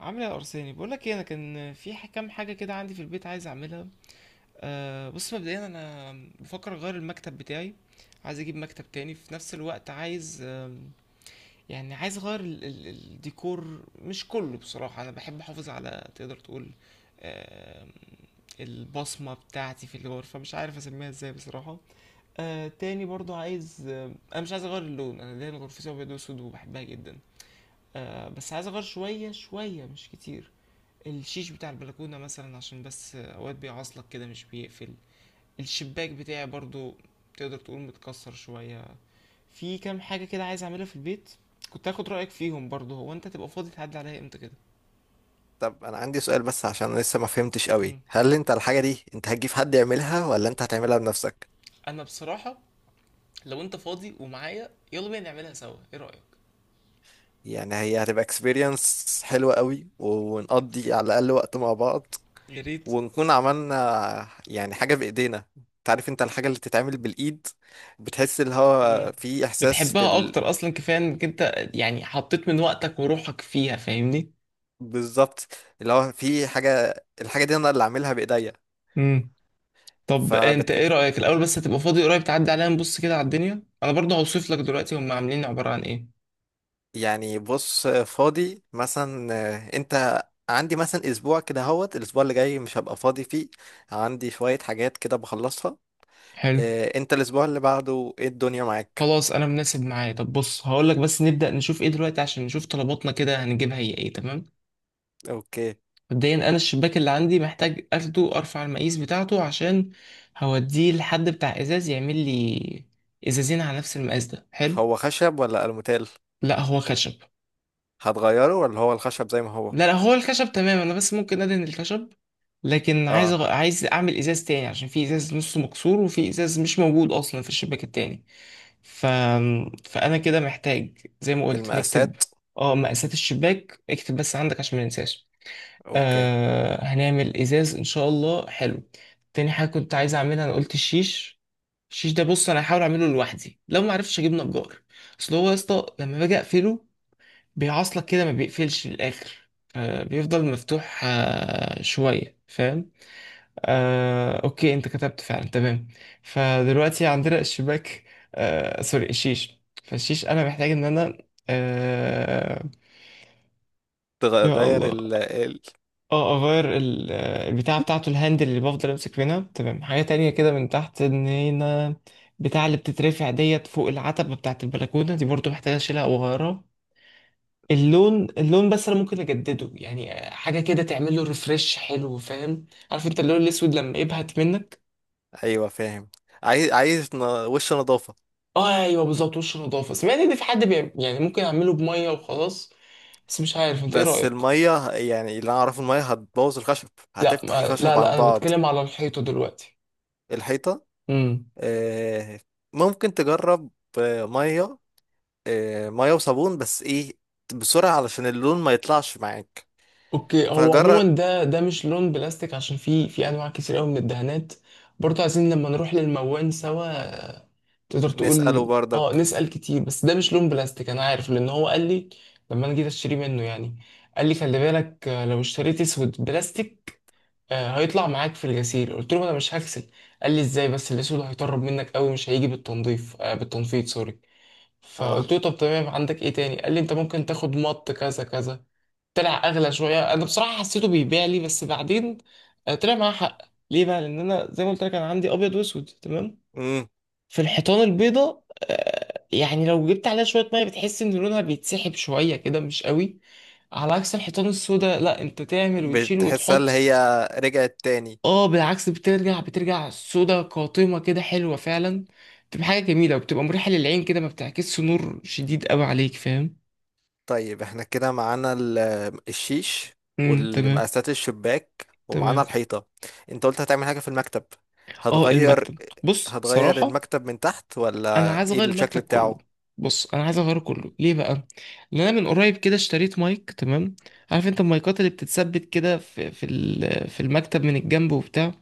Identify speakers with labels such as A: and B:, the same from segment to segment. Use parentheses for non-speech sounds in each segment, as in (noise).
A: عامل ايه يا ارساني؟ بقول لك ايه، انا كان في كام حاجه كده عندي في البيت عايز اعملها. بص، مبدئيا انا بفكر اغير المكتب بتاعي. عايز اجيب مكتب تاني. في نفس الوقت عايز يعني عايز اغير ال الديكور، مش كله. بصراحه انا بحب احافظ على، تقدر تقول، آم، البصمه بتاعتي في الغرفه. مش عارف اسميها ازاي بصراحه. تاني برضو عايز انا مش عايز اغير اللون. انا ليا غرفتي ابيض واسود وبحبها جدا. بس عايز اغير شويه شويه، مش كتير. الشيش بتاع البلكونة مثلا، عشان بس اوقات بيعاصلك كده مش بيقفل. الشباك بتاعي برضو، تقدر تقول متكسر شوية. في كام حاجة كده عايز اعملها في البيت. كنت هاخد رأيك فيهم برضو. هو انت تبقى فاضي تعدي عليا امتى كده؟
B: طب انا عندي سؤال، بس عشان أنا لسه ما فهمتش قوي،
A: امم،
B: هل
A: معاك.
B: انت الحاجة دي انت هتجيب حد يعملها ولا انت هتعملها بنفسك؟
A: انا بصراحة، لو انت فاضي ومعايا، يلا بينا نعملها سوا، ايه رأيك؟
B: يعني هي هتبقى اكسبيرينس حلوة قوي، ونقضي على الاقل وقت مع بعض،
A: يا ريت.
B: ونكون عملنا يعني حاجة بايدينا. تعرف انت الحاجة اللي بتتعمل بالايد، بتحس اللي هو
A: امم.
B: في احساس
A: بتحبها اكتر اصلا، كفاية انك انت يعني حطيت من وقتك وروحك فيها، فاهمني.
B: بالظبط. اللي هو في حاجة، الحاجة دي انا اللي عاملها بايديا.
A: طب انت ايه
B: فبتحس.
A: رأيك الاول؟ بس هتبقى فاضي قريب تعدي علينا نبص كده على الدنيا؟ انا برضه هوصف لك دلوقتي هم عاملين عبارة عن ايه.
B: يعني بص فاضي مثلا، انت عندي مثلا اسبوع كده، هوت الاسبوع اللي جاي مش هبقى فاضي فيه. عندي شوية حاجات كده بخلصها.
A: حلو.
B: انت الاسبوع اللي بعده ايه الدنيا معاك؟
A: خلاص انا مناسب معايا. طب بص هقول لك، بس نبدأ نشوف ايه دلوقتي عشان نشوف طلباتنا كده هنجيبها هي ايه. تمام.
B: اوكي.
A: مبدئيا انا الشباك اللي عندي محتاج اخده ارفع المقاس بتاعته، عشان هوديه لحد بتاع ازاز يعمل لي ازازين على نفس المقاس. ده حلو.
B: هو خشب ولا الموتيل؟
A: لا هو خشب.
B: هتغيره ولا هو الخشب زي ما هو؟
A: لا لا، هو الخشب تمام. انا بس ممكن ادهن الخشب، لكن عايز
B: اه،
A: عايز اعمل ازاز تاني عشان في ازاز نصه مكسور وفي ازاز مش موجود اصلا في الشباك التاني. ف... فانا كده محتاج زي ما قلت نكتب.
B: المقاسات.
A: اه، مقاسات الشباك اكتب بس عندك عشان ما ننساش.
B: اوكي.
A: آه هنعمل ازاز ان شاء الله. حلو. تاني حاجه كنت عايز اعملها انا قلت الشيش. الشيش ده بص، انا هحاول اعمله لوحدي، لو ما عرفتش اجيب نجار. اصل هو يا اسطى لما باجي اقفله بيعاصلك كده، ما بيقفلش للآخر. بيفضل مفتوح شوية، فاهم. أوكي، أنت كتبت فعلا؟ تمام. فدلوقتي عندنا الشباك، سوري الشيش. فالشيش أنا محتاج إن أنا آه، يا
B: تغير
A: الله. اه، اغير البتاعة بتاعته، الهاندل اللي بفضل امسك منها. تمام. حاجة تانية كده من تحت، ان هنا بتاع اللي بتترفع ديت فوق العتبة بتاعت البلكونة دي برضو محتاج اشيلها واغيرها. اللون، اللون بس انا ممكن اجدده، يعني حاجه كده تعمل له ريفرش حلو، فاهم؟ عارف انت اللون الاسود لما يبهت منك.
B: ايوه، فاهم. عايز وش نظافة.
A: اه، ايوه بالظبط، وش نضافه. سمعت ان في حد بيعمل يعني، ممكن اعمله بميه وخلاص، بس مش عارف انت ايه
B: بس
A: رايك.
B: المية، يعني اللي انا اعرفه المية هتبوظ الخشب،
A: لا
B: هتفتح
A: لا
B: الخشب عن
A: لا، انا
B: بعض.
A: بتكلم على الحيطه دلوقتي.
B: الحيطة.
A: امم.
B: آه، ممكن تجرب. ميه. ميه وصابون، بس ايه، بسرعة علشان اللون ما يطلعش معاك.
A: اوكي. هو
B: فجرب.
A: عموما ده مش لون بلاستيك، عشان في انواع كتير قوي من الدهانات. برضه عايزين لما نروح للموان سوا، تقدر
B: نسأله
A: تقول. اه
B: برضك.
A: نسأل كتير، بس ده مش لون بلاستيك، انا عارف لان هو قال لي لما انا جيت اشتري منه يعني. قال لي خلي بالك لو اشتريت اسود بلاستيك هيطلع معاك في الغسيل. قلت له انا مش هغسل. قال لي ازاي؟ بس الاسود هيطرب منك قوي مش هيجي بالتنظيف بالتنفيذ، سوري. فقلت
B: اه.
A: له طب تمام، عندك ايه تاني؟ قال لي انت ممكن تاخد مط كذا كذا. طلع اغلى شويه. انا بصراحه حسيته بيبيع لي، بس بعدين طلع معاه حق. ليه بقى؟ لان انا زي ما قلت لك انا عندي ابيض واسود تمام.
B: امم
A: في الحيطان البيضة يعني لو جبت عليها شوية مية بتحس إن لونها بيتسحب شوية كده، مش قوي. على عكس الحيطان السوداء، لا أنت تعمل وتشيل
B: بتحسها اللي
A: وتحط.
B: هي رجعت تاني.
A: اه بالعكس، بترجع بترجع سودة قاتمة كده، حلوة فعلا. بتبقى حاجة جميلة وبتبقى مريحة للعين كده، ما بتعكسش نور شديد قوي عليك، فاهم.
B: طيب، احنا كده معانا الشيش
A: امم، تمام.
B: والمقاسات الشباك ومعانا
A: تمام.
B: الحيطة. انت قلت هتعمل حاجة في المكتب.
A: اه
B: هتغير.
A: المكتب، بص
B: هتغير
A: صراحة
B: المكتب من تحت
A: انا
B: ولا
A: عايز
B: ايه
A: اغير المكتب
B: الشكل
A: كله.
B: بتاعه؟
A: بص انا عايز اغيره كله. ليه بقى؟ لان انا من قريب كده اشتريت مايك تمام. عارف انت المايكات اللي بتتثبت كده في في المكتب من الجنب وبتاع.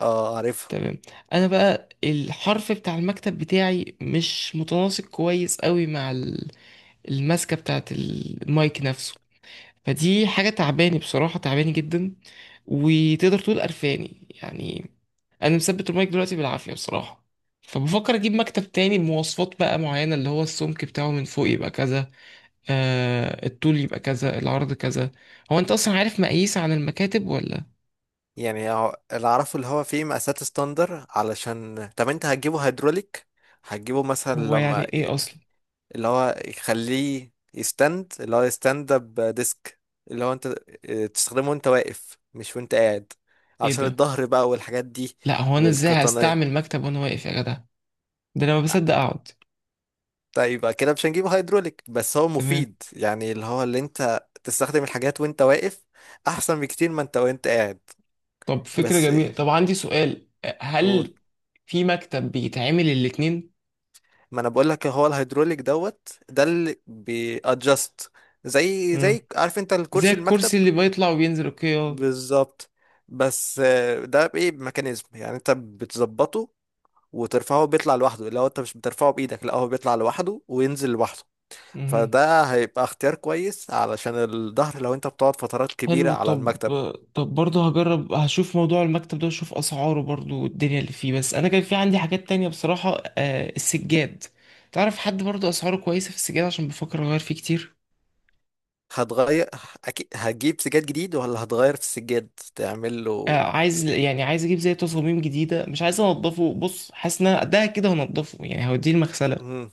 B: اه، عارفها.
A: تمام. انا بقى الحرف بتاع المكتب بتاعي مش متناسق كويس قوي مع الماسكه بتاعت المايك نفسه. فدي حاجة تعباني بصراحة، تعباني جدا، وتقدر تقول قرفاني يعني. أنا مثبت المايك دلوقتي بالعافية بصراحة. فبفكر أجيب مكتب تاني بمواصفات بقى معينة، اللي هو السمك بتاعه من فوق يبقى كذا، آه الطول يبقى كذا، العرض كذا. هو أنت أصلا عارف مقاييس عن المكاتب ولا؟
B: يعني اللي اعرفه اللي هو فيه مقاسات ستاندر، علشان طب انت هتجيبه هيدروليك؟ هتجيبه مثلا
A: هو يعني
B: لما
A: إيه أصلا؟
B: اللي هو يخليه يستند، اللي هو يستند اب ديسك. اللي هو انت اه، تستخدمه وانت واقف مش وانت قاعد،
A: إيه
B: علشان
A: ده!
B: الظهر بقى والحاجات دي.
A: لا هو أنا إزاي
B: والقطنية.
A: هستعمل مكتب وأنا واقف يا جدع؟ ده أنا ما بصدق أقعد.
B: طيب، يبقى كده مش هنجيبه هيدروليك، بس هو
A: تمام.
B: مفيد يعني اللي هو اللي انت تستخدم الحاجات وانت واقف، احسن بكتير ما انت وانت قاعد.
A: طب فكرة
B: بس
A: جميلة.
B: ايه؟
A: طب عندي سؤال،
B: قول.
A: هل في مكتب بيتعمل الاتنين؟
B: ما انا بقول لك هو الهيدروليك دوت ده اللي بيادجست، زي
A: مم.
B: زي عارف انت
A: زي
B: الكرسي المكتب.
A: الكرسي اللي بيطلع وبينزل، اوكي، اه.
B: بالظبط. بس، ده بايه ميكانيزم يعني انت بتظبطه وترفعه، بيطلع لوحده، لو انت مش بترفعه بايدك لا، هو بيطلع لوحده وينزل لوحده.
A: مهم.
B: فده هيبقى اختيار كويس علشان الظهر، لو انت بتقعد فترات كبيرة
A: حلو.
B: على
A: طب،
B: المكتب.
A: طب برضه هجرب هشوف موضوع المكتب ده واشوف اسعاره برضه والدنيا اللي فيه. بس انا كان في عندي حاجات تانية بصراحة. آه السجاد. تعرف حد برضه اسعاره كويسة في السجاد؟ عشان بفكر اغير فيه كتير.
B: هتغير؟ اكيد هتجيب سجاد جديد، ولا هتغير في السجاد تعمل
A: آه
B: له؟
A: عايز، يعني عايز اجيب زي تصاميم جديدة، مش عايز انضفه. بص حاسس ان أنا ده كده هنضفه، يعني هوديه المغسلة،
B: مم.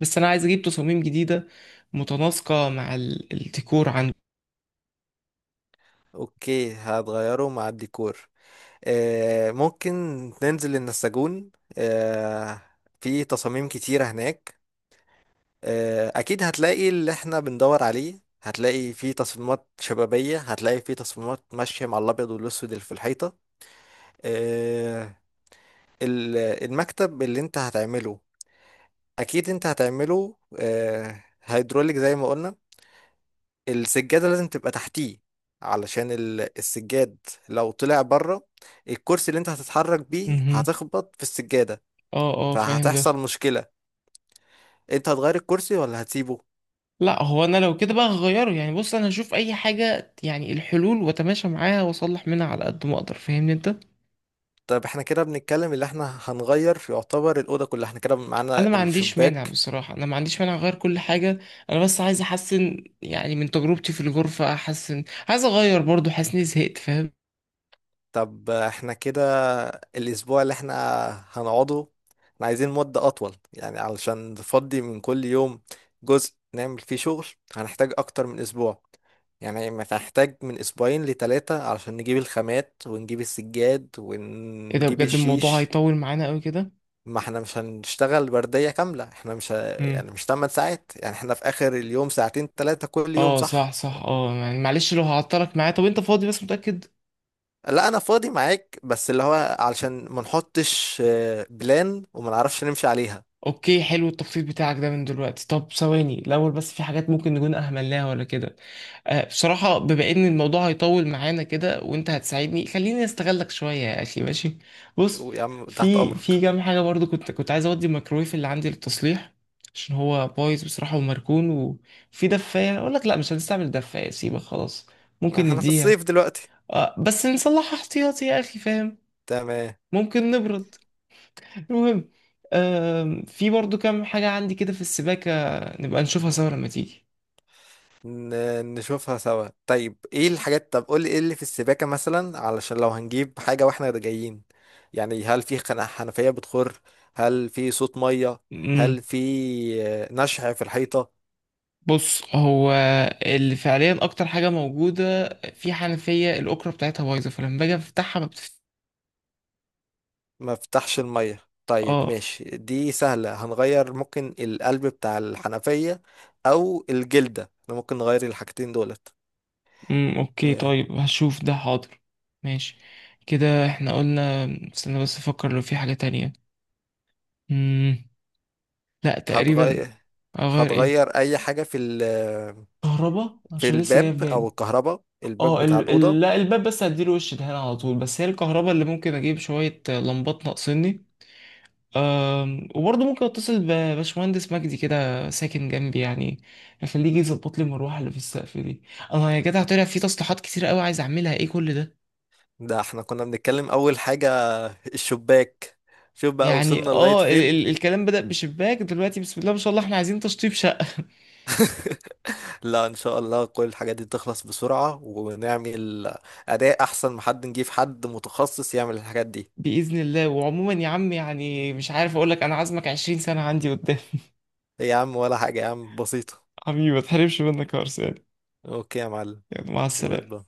A: بس انا عايز اجيب تصاميم جديدة متناسقة مع الديكور عندي.
B: اوكي، هتغيره مع الديكور. ممكن ننزل النساجون. آه، في تصاميم كتيرة هناك. أكيد هتلاقي اللي احنا بندور عليه، هتلاقي في تصميمات شبابية، هتلاقي في تصميمات ماشية مع الأبيض والأسود اللي في الحيطة. آه، المكتب اللي انت هتعمله أكيد انت هتعمله هيدروليك زي ما قلنا. السجادة لازم تبقى تحتيه، علشان السجاد لو طلع بره، الكرسي اللي انت هتتحرك بيه
A: مهم.
B: هتخبط في السجادة.
A: اه اه فاهم ده.
B: فهتحصل مشكلة. انت هتغير الكرسي ولا هتسيبه؟
A: لا هو انا لو كده بقى هغيره يعني. بص انا هشوف اي حاجه، يعني الحلول واتماشى معاها واصلح منها على قد ما اقدر، فاهمني انت.
B: طب احنا كده بنتكلم اللي احنا هنغير في، يعتبر الأوضة كلها. احنا كده معانا
A: انا ما عنديش مانع
B: الشباك.
A: بصراحه، انا ما عنديش مانع اغير كل حاجه. انا بس عايز احسن، يعني من تجربتي في الغرفه احسن. عايز اغير برضو، حاسس اني زهقت، فاهم.
B: طب احنا كده الأسبوع اللي احنا هنقعده، احنا عايزين مدة أطول يعني علشان نفضي من كل يوم جزء نعمل فيه شغل. هنحتاج أكتر من أسبوع، يعني ما هنحتاج من أسبوعين لتلاتة، علشان نجيب الخامات ونجيب السجاد
A: ايه ده
B: ونجيب
A: بجد، الموضوع
B: الشيش.
A: هيطول معانا قوي كده.
B: ما احنا مش هنشتغل وردية كاملة، احنا مش
A: امم.
B: يعني مش 8 ساعات، يعني احنا في اخر اليوم ساعتين ثلاثة كل يوم،
A: اه صح
B: صح؟
A: صح، اه يعني معلش لو هعطلك معايا. طب انت فاضي بس متاكد؟
B: لا انا فاضي معاك، بس اللي هو علشان ما نحطش بلان وما نعرفش نمشي عليها.
A: اوكي حلو التخطيط بتاعك ده من دلوقتي. طب ثواني الاول بس، في حاجات ممكن نكون اهملناها ولا كده؟ بصراحة بما إن الموضوع هيطول معانا كده وأنت هتساعدني، خليني أستغلك شوية يا أخي، ماشي. بص
B: يا عم، تحت
A: في
B: امرك.
A: كام حاجة برضو كنت عايز أودي الميكرويف اللي عندي للتصليح، عشان هو بايظ بصراحة ومركون. وفي دفاية، أقول لك لأ مش هنستعمل دفاية، سيبها خلاص،
B: يعني
A: ممكن
B: احنا في
A: نديها.
B: الصيف دلوقتي.
A: آه بس نصلحها احتياطي يا أخي، فاهم.
B: تمام.
A: ممكن نبرد. المهم، آه في برضو كام حاجة عندي كده في السباكة، نبقى نشوفها سوا لما
B: نشوفها سوا. طيب ايه الحاجات؟ طب قول لي ايه اللي في السباكة مثلا، علشان لو هنجيب حاجة واحنا جايين. يعني هل في حنفية بتخر؟ هل في صوت مية؟ هل
A: تيجي.
B: في نشع في الحيطة؟
A: بص هو اللي فعليا اكتر حاجه موجوده في حنفيه الاوكرا بتاعتها بايظه، فلما باجي افتحها ما
B: ما فتحش المية. طيب
A: اه.
B: ماشي، دي سهلة، هنغير ممكن القلب بتاع الحنفية او الجلدة، احنا ممكن نغير الحاجتين دولت.
A: اوكي.
B: آه،
A: طيب هشوف ده، حاضر. ماشي. كده احنا قلنا، استنى بس افكر لو في حاجه تانية. امم. لا تقريبا.
B: هتغير.
A: اغير ايه؟
B: هتغير اي حاجة
A: كهرباء،
B: في
A: عشان لسه جاي في
B: الباب او
A: بالي.
B: الكهرباء، الباب
A: اه
B: بتاع الأوضة؟
A: لا الباب بس هديله وش دهان على طول، بس هي الكهرباء اللي ممكن اجيب شويه لمبات ناقصني. وبرضه ممكن اتصل بباشمهندس مجدي كده ساكن جنبي يعني، اخليه يجي يظبط لي المروحه اللي في السقف دي. انا يا جدع طلع في تصليحات كتير قوي عايز اعملها، ايه كل ده!
B: ده احنا كنا بنتكلم اول حاجة الشباك، شوف بقى
A: يعني
B: وصلنا لغاية
A: اه ال
B: فين.
A: ال الكلام بدأ بشباك دلوقتي. بسم الله ما شاء الله، احنا عايزين تشطيب شقه!
B: (laughs) لا، ان شاء الله كل الحاجات دي تخلص بسرعة ونعمل اداء احسن، ما حد نجيب حد متخصص يعمل الحاجات دي.
A: (laughs) باذن الله. وعموما يا عم يعني مش عارف اقول لك، انا عازمك 20 سنه عندي قدام.
B: إيه يا عم، ولا حاجة يا عم، بسيطة.
A: (laughs) حبيبي ما تحرمش منك يا أرسلان.
B: اوكي يا معلم.
A: يعني مع
B: جود
A: السلامه.
B: بقى.